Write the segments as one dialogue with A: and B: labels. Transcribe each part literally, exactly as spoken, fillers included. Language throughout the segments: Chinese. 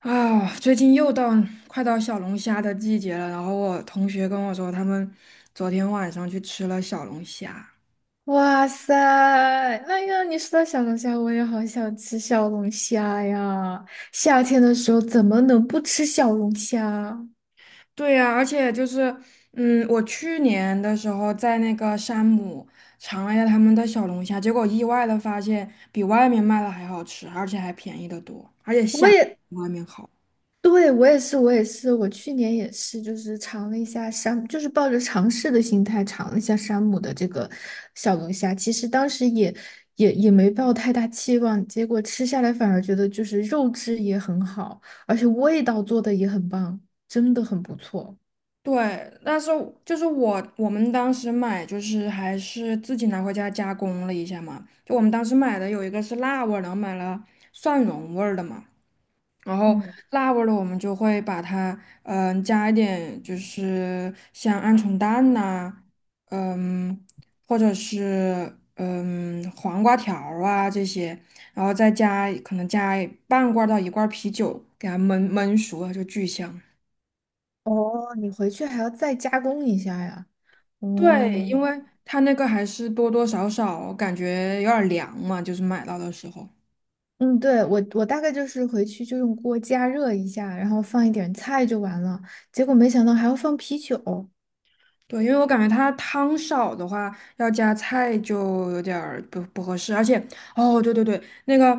A: 啊，最近又到快到小龙虾的季节了。然后我同学跟我说，他们昨天晚上去吃了小龙虾。
B: 哇塞！哎呀，你说到小龙虾，我也好想吃小龙虾呀！夏天的时候怎么能不吃小龙虾？
A: 对呀，而且就是，嗯，我去年的时候在那个山姆尝了一下他们的小龙虾，结果意外的发现比外面卖的还好吃，而且还便宜的多，而且
B: 我
A: 虾
B: 也，
A: 比外面好。
B: 对，我也是，我也是，我去年也是，就是尝了一下山，就是抱着尝试的心态尝了一下山姆的这个小龙虾。其实当时也也也没抱太大期望，结果吃下来反而觉得就是肉质也很好，而且味道做的也很棒，真的很不错。
A: 对，但是就是我我们当时买就是还是自己拿回家加工了一下嘛。就我们当时买的有一个是辣味儿，然后买了蒜蓉味儿的嘛，然后
B: 嗯。
A: 辣味儿的我们就会把它嗯、加一点就是像鹌鹑蛋呐、嗯或者是嗯黄瓜条儿啊这些，然后再加可能加半罐儿到一罐儿啤酒给它焖焖熟了就巨香。
B: 哦，你回去还要再加工一下呀？
A: 对，
B: 哦，
A: 因为它那个还是多多少少感觉有点儿凉嘛，就是买到的时候。
B: 嗯，对，我我大概就是回去就用锅加热一下，然后放一点菜就完了。结果没想到还要放啤酒。
A: 对，因为我感觉它汤少的话，要加菜就有点儿不不合适。而且哦，对对对，那个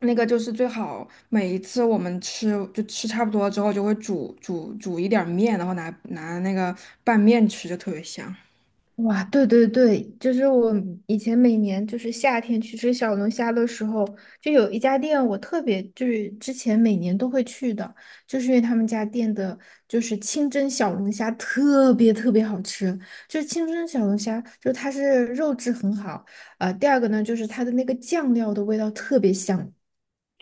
A: 那个就是最好每一次我们吃就吃差不多之后，就会煮煮煮一点儿面，然后拿拿那个拌面吃，就特别香。
B: 哇，对对对，就是我以前每年就是夏天去吃小龙虾的时候，就有一家店我特别就是之前每年都会去的，就是因为他们家店的就是清蒸小龙虾特别特别好吃，就是清蒸小龙虾，就它是肉质很好，呃，第二个呢就是它的那个酱料的味道特别香，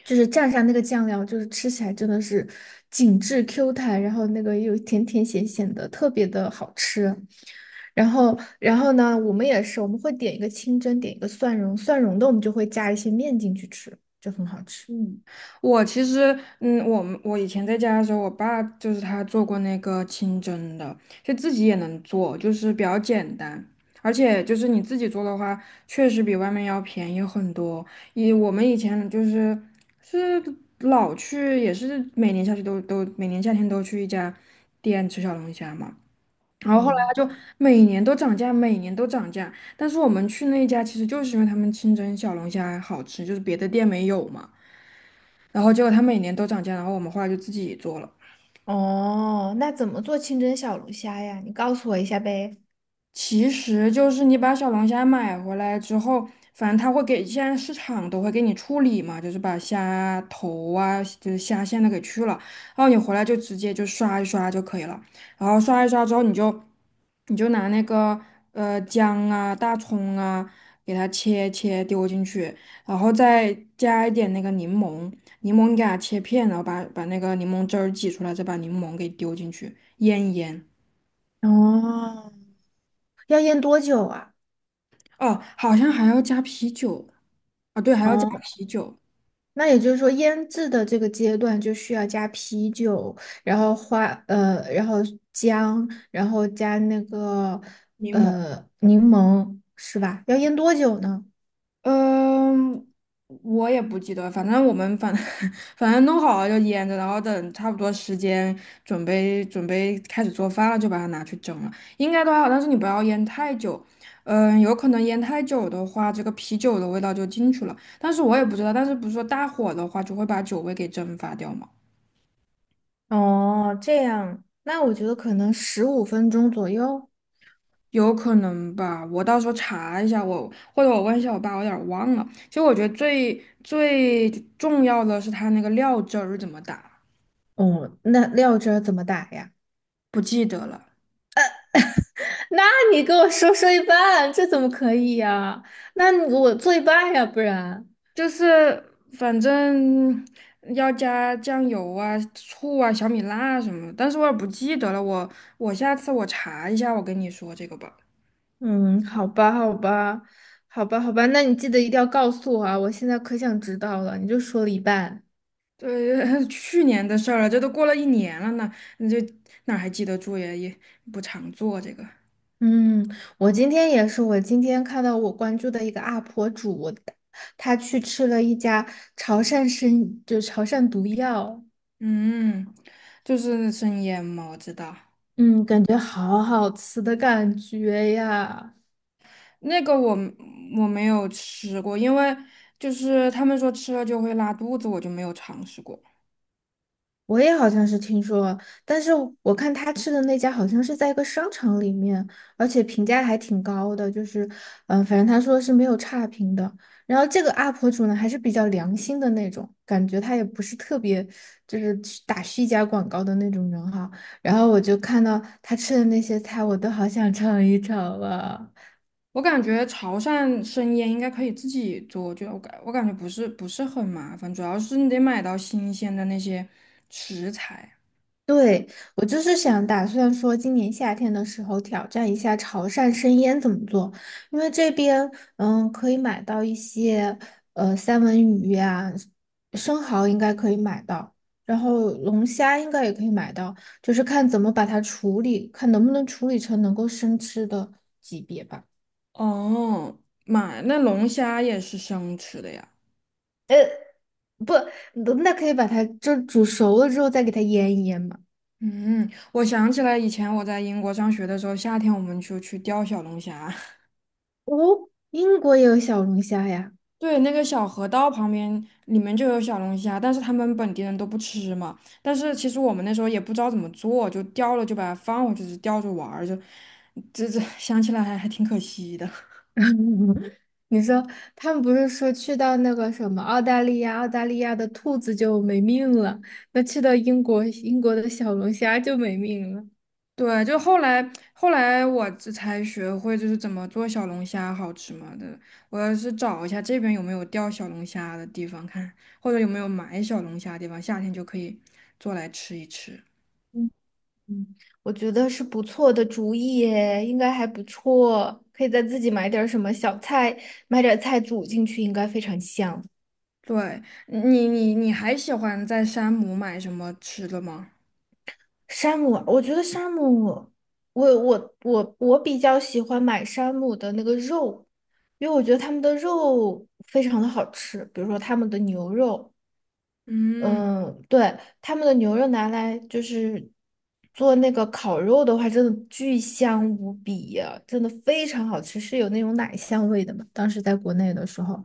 B: 就是蘸上那个酱料，就是吃起来真的是紧致 Q 弹，然后那个又甜甜咸咸的，特别的好吃。然后，然后呢，我们也是，我们会点一个清蒸，点一个蒜蓉，蒜蓉的我们就会加一些面进去吃，就很好吃。
A: 嗯，我其实，嗯，我们我以前在家的时候，我爸就是他做过那个清蒸的，就自己也能做，就是比较简单。而且就是你自己做的话，确实比外面要便宜很多。以我们以前就是是老去，也是每年下去都都每年夏天都去一家店吃小龙虾嘛。然后后来
B: 嗯。
A: 他就每年都涨价，每年都涨价，但是我们去那一家其实就是因为他们清蒸小龙虾好吃，就是别的店没有嘛。然后结果他每年都涨价，然后我们后来就自己做了。
B: 哦，那怎么做清蒸小龙虾呀？你告诉我一下呗。
A: 其实就是你把小龙虾买回来之后，反正他会给，现在市场都会给你处理嘛，就是把虾头啊，就是虾线都给去了，然后你回来就直接就刷一刷就可以了。然后刷一刷之后，你就你就拿那个呃姜啊、大葱啊，给它切切丢进去，然后再加一点那个柠檬。柠檬你给它切片，然后把把那个柠檬汁儿挤出来，再把柠檬给丢进去，腌一腌。
B: 哦，要腌多久啊？
A: 哦，好像还要加啤酒，啊，对，还要加
B: 哦。
A: 啤酒、
B: 那也就是说，腌制的这个阶段就需要加啤酒，然后花呃，然后姜，然后加那个
A: 柠檬。
B: 呃柠檬，是吧？要腌多久呢？
A: 嗯，我也不记得，反正我们反 反正弄好了就腌着，然后等差不多时间准备准备开始做饭了，就把它拿去蒸了，应该都还好，但是你不要腌太久。嗯，有可能腌太久的话，这个啤酒的味道就进去了。但是我也不知道，但是不是说大火的话就会把酒味给蒸发掉吗？
B: 哦，这样，那我觉得可能十五分钟左右。
A: 有可能吧，我到时候查一下，我或者我问一下我爸，我有点儿忘了。其实我觉得最最重要的是他那个料汁儿怎么打，
B: 哦，那料汁儿怎么打呀？
A: 不记得了。
B: 那你跟我说说一半，这怎么可以呀？那你给我做一半呀，不然。
A: 就是反正要加酱油啊、醋啊、小米辣什么的，但是我也不记得了。我我下次我查一下，我跟你说这个吧。
B: 嗯，好吧，好吧，好吧，好吧，那你记得一定要告诉我啊！我现在可想知道了，你就说了一半。
A: 对，去年的事儿了，这都过了一年了呢，你就哪儿还记得住呀？也不常做这个。
B: 嗯，我今天也是，我今天看到我关注的一个 U P 主，他去吃了一家潮汕生，就潮汕毒药，
A: 嗯，就是生腌嘛，我知道，
B: 嗯，感觉好好吃的感觉呀。
A: 那个我我没有吃过，因为就是他们说吃了就会拉肚子，我就没有尝试过。
B: 我也好像是听说了，但是我看他吃的那家好像是在一个商场里面，而且评价还挺高的，就是，嗯、反正他说是没有差评的。然后这个 U P 主呢，还是比较良心的那种，感觉他也不是特别就是去打虚假广告的那种人哈。然后我就看到他吃的那些菜，我都好想尝一尝啊。
A: 我感觉潮汕生腌应该可以自己做，就我感我感觉不是不是很麻烦，主要是你得买到新鲜的那些食材。
B: 对，我就是想打算说，今年夏天的时候挑战一下潮汕生腌怎么做，因为这边嗯可以买到一些呃三文鱼呀、生蚝应该可以买到，然后龙虾应该也可以买到，就是看怎么把它处理，看能不能处理成能够生吃的级别吧。
A: 哦，买那龙虾也是生吃的呀。
B: 不，那可以把它就煮熟了之后再给它腌一腌嘛。
A: 嗯，我想起来以前我在英国上学的时候，夏天我们就去钓小龙虾。
B: 哦，英国也有小龙虾呀。
A: 对，那个小河道旁边里面就有小龙虾，但是他们本地人都不吃嘛。但是其实我们那时候也不知道怎么做，就钓了就把它放回去，就钓着玩儿，就这这想起来还还挺可惜的。
B: 你说他们不是说去到那个什么澳大利亚，澳大利亚的兔子就没命了，那去到英国，英国的小龙虾就没命了。
A: 对，就后来后来我这才学会就是怎么做小龙虾好吃嘛的。我要是找一下这边有没有钓小龙虾的地方看，或者有没有买小龙虾的地方，夏天就可以做来吃一吃。
B: 嗯嗯，我觉得是不错的主意耶，应该还不错，可以再自己买点儿什么小菜，买点儿菜煮进去，应该非常香。
A: 对，你你你还喜欢在山姆买什么吃的吗？
B: 山姆，我觉得山姆，我我我我比较喜欢买山姆的那个肉，因为我觉得他们的肉非常的好吃，比如说他们的牛肉。
A: 嗯，
B: 嗯，对，他们的牛肉拿来就是做那个烤肉的话，真的巨香无比呀，真的非常好吃，是有那种奶香味的嘛。当时在国内的时候，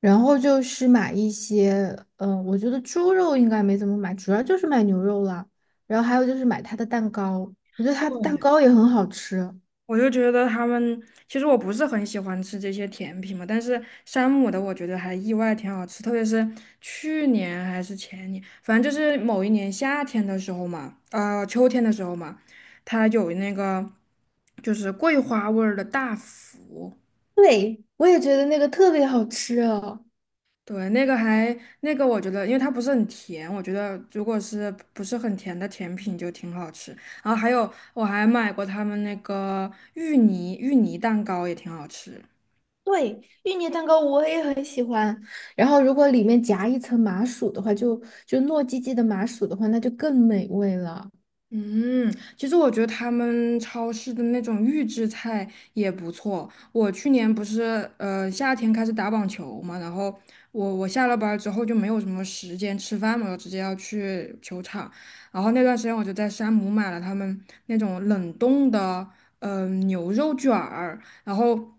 B: 然后就是买一些，嗯，我觉得猪肉应该没怎么买，主要就是买牛肉了。然后还有就是买它的蛋糕，我觉得它的蛋糕也很好吃。
A: 我就觉得他们，其实我不是很喜欢吃这些甜品嘛，但是山姆的我觉得还意外挺好吃。特别是去年还是前年，反正就是某一年夏天的时候嘛，呃，秋天的时候嘛，它有那个就是桂花味儿的大福。
B: 对，我也觉得那个特别好吃啊。
A: 对，那个还那个我觉得，因为它不是很甜，我觉得如果是不是很甜的甜品就挺好吃。然后还有我还买过他们那个芋泥芋泥蛋糕也挺好吃。
B: 对，芋泥蛋糕我也很喜欢。然后，如果里面夹一层麻薯的话，就就糯叽叽的麻薯的话，那就更美味了。
A: 嗯，其实我觉得他们超市的那种预制菜也不错。我去年不是呃夏天开始打网球嘛，然后我我下了班儿之后就没有什么时间吃饭嘛，我直接要去球场。然后那段时间我就在山姆买了他们那种冷冻的嗯，牛肉卷儿。然后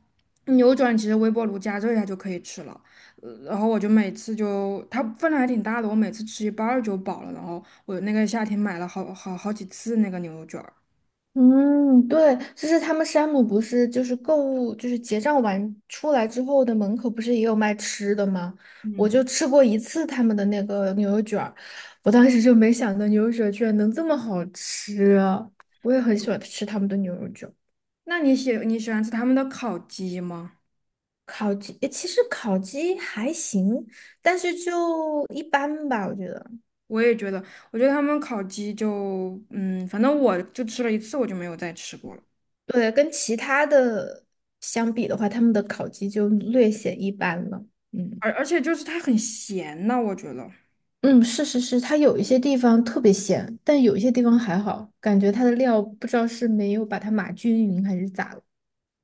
A: 牛肉卷其实微波炉加热一下就可以吃了。呃然后我就每次就它分量还挺大的，我每次吃一半儿就饱了。然后我那个夏天买了好好好几次那个牛肉卷儿。
B: 嗯，对，就是他们山姆不是就是购物，就是结账完出来之后的门口不是也有卖吃的吗？我
A: 嗯，
B: 就吃过一次他们的那个牛肉卷儿，我当时就没想到牛肉卷儿居然能这么好吃啊。我也很喜欢吃他们的牛肉卷儿。
A: 那你喜你喜欢吃他们的烤鸡吗？
B: 烤鸡，诶其实烤鸡还行，但是就一般吧，我觉得。
A: 我也觉得，我觉得他们烤鸡就嗯，反正我就吃了一次，我就没有再吃过了。
B: 对，跟其他的相比的话，他们的烤鸡就略显一般了。嗯
A: 而而且就是它很咸呐，我觉得。
B: 嗯，是是是，它有一些地方特别咸，但有一些地方还好，感觉它的料不知道是没有把它码均匀还是咋了。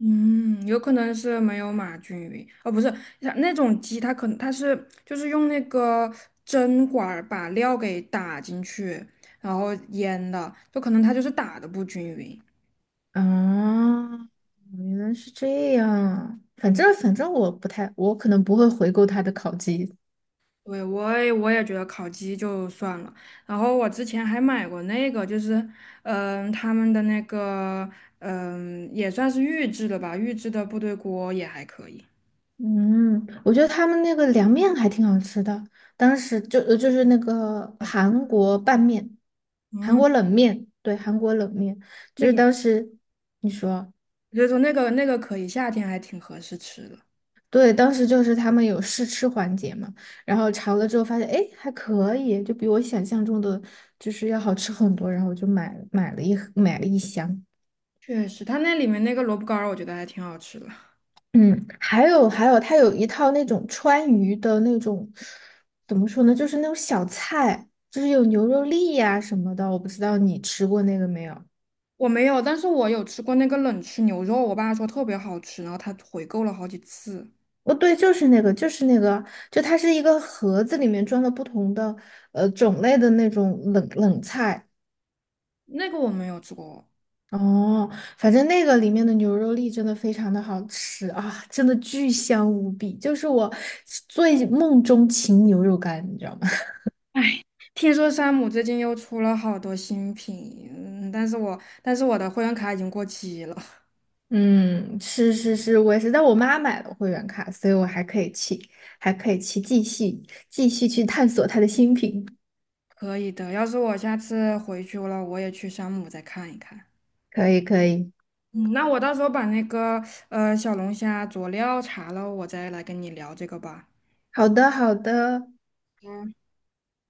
A: 嗯，有可能是没有码均匀，哦，不是，它那种鸡它可能它是就是用那个针管儿把料给打进去，然后腌的，就可能它就是打的不均匀。
B: 啊，原来是这样。反正反正我不太，我可能不会回购它的烤鸡，
A: 对，我也我也觉得烤鸡就算了。然后我之前还买过那个，就是嗯、他们的那个嗯、也算是预制的吧，预制的部队锅也还可以。
B: 嗯，我觉得他们那个凉面还挺好吃的，当时就呃就是那个韩国拌面，韩
A: 嗯，
B: 国冷面，对，韩国冷面，就
A: 那
B: 是
A: 个
B: 当时你说，
A: 就是说那个那个可以，夏天还挺合适吃的。
B: 对，当时就是他们有试吃环节嘛，然后尝了之后发现，哎，还可以，就比我想象中的就是要好吃很多，然后我就买买了一盒买了一箱。
A: 确实，它那里面那个萝卜干儿，我觉得还挺好吃的。
B: 嗯，还有还有，它有一套那种川渝的那种，怎么说呢，就是那种小菜，就是有牛肉粒呀、什么的，我不知道你吃过那个没有？
A: 我没有，但是我有吃过那个冷吃牛肉，我爸说特别好吃，然后他回购了好几次。
B: 哦，对，就是那个，就是那个，就它是一个盒子，里面装了不同的呃种类的那种冷冷菜。
A: 那个我没有吃过。
B: 哦，反正那个里面的牛肉粒真的非常的好吃啊，真的巨香无比，就是我最梦中情牛肉干，你知道吗？
A: 哎，听说山姆最近又出了好多新品。嗯，但是我但是我的会员卡已经过期了。
B: 嗯，是是是，我也是，在我妈买了会员卡，所以我还可以去，还可以去继续继续去探索它的新品。
A: 可以的，要是我下次回去了，我也去山姆再看一看。
B: 可以可以，
A: 嗯，那我到时候把那个呃小龙虾佐料查了，我再来跟你聊这个吧。
B: 好的好的，
A: 嗯。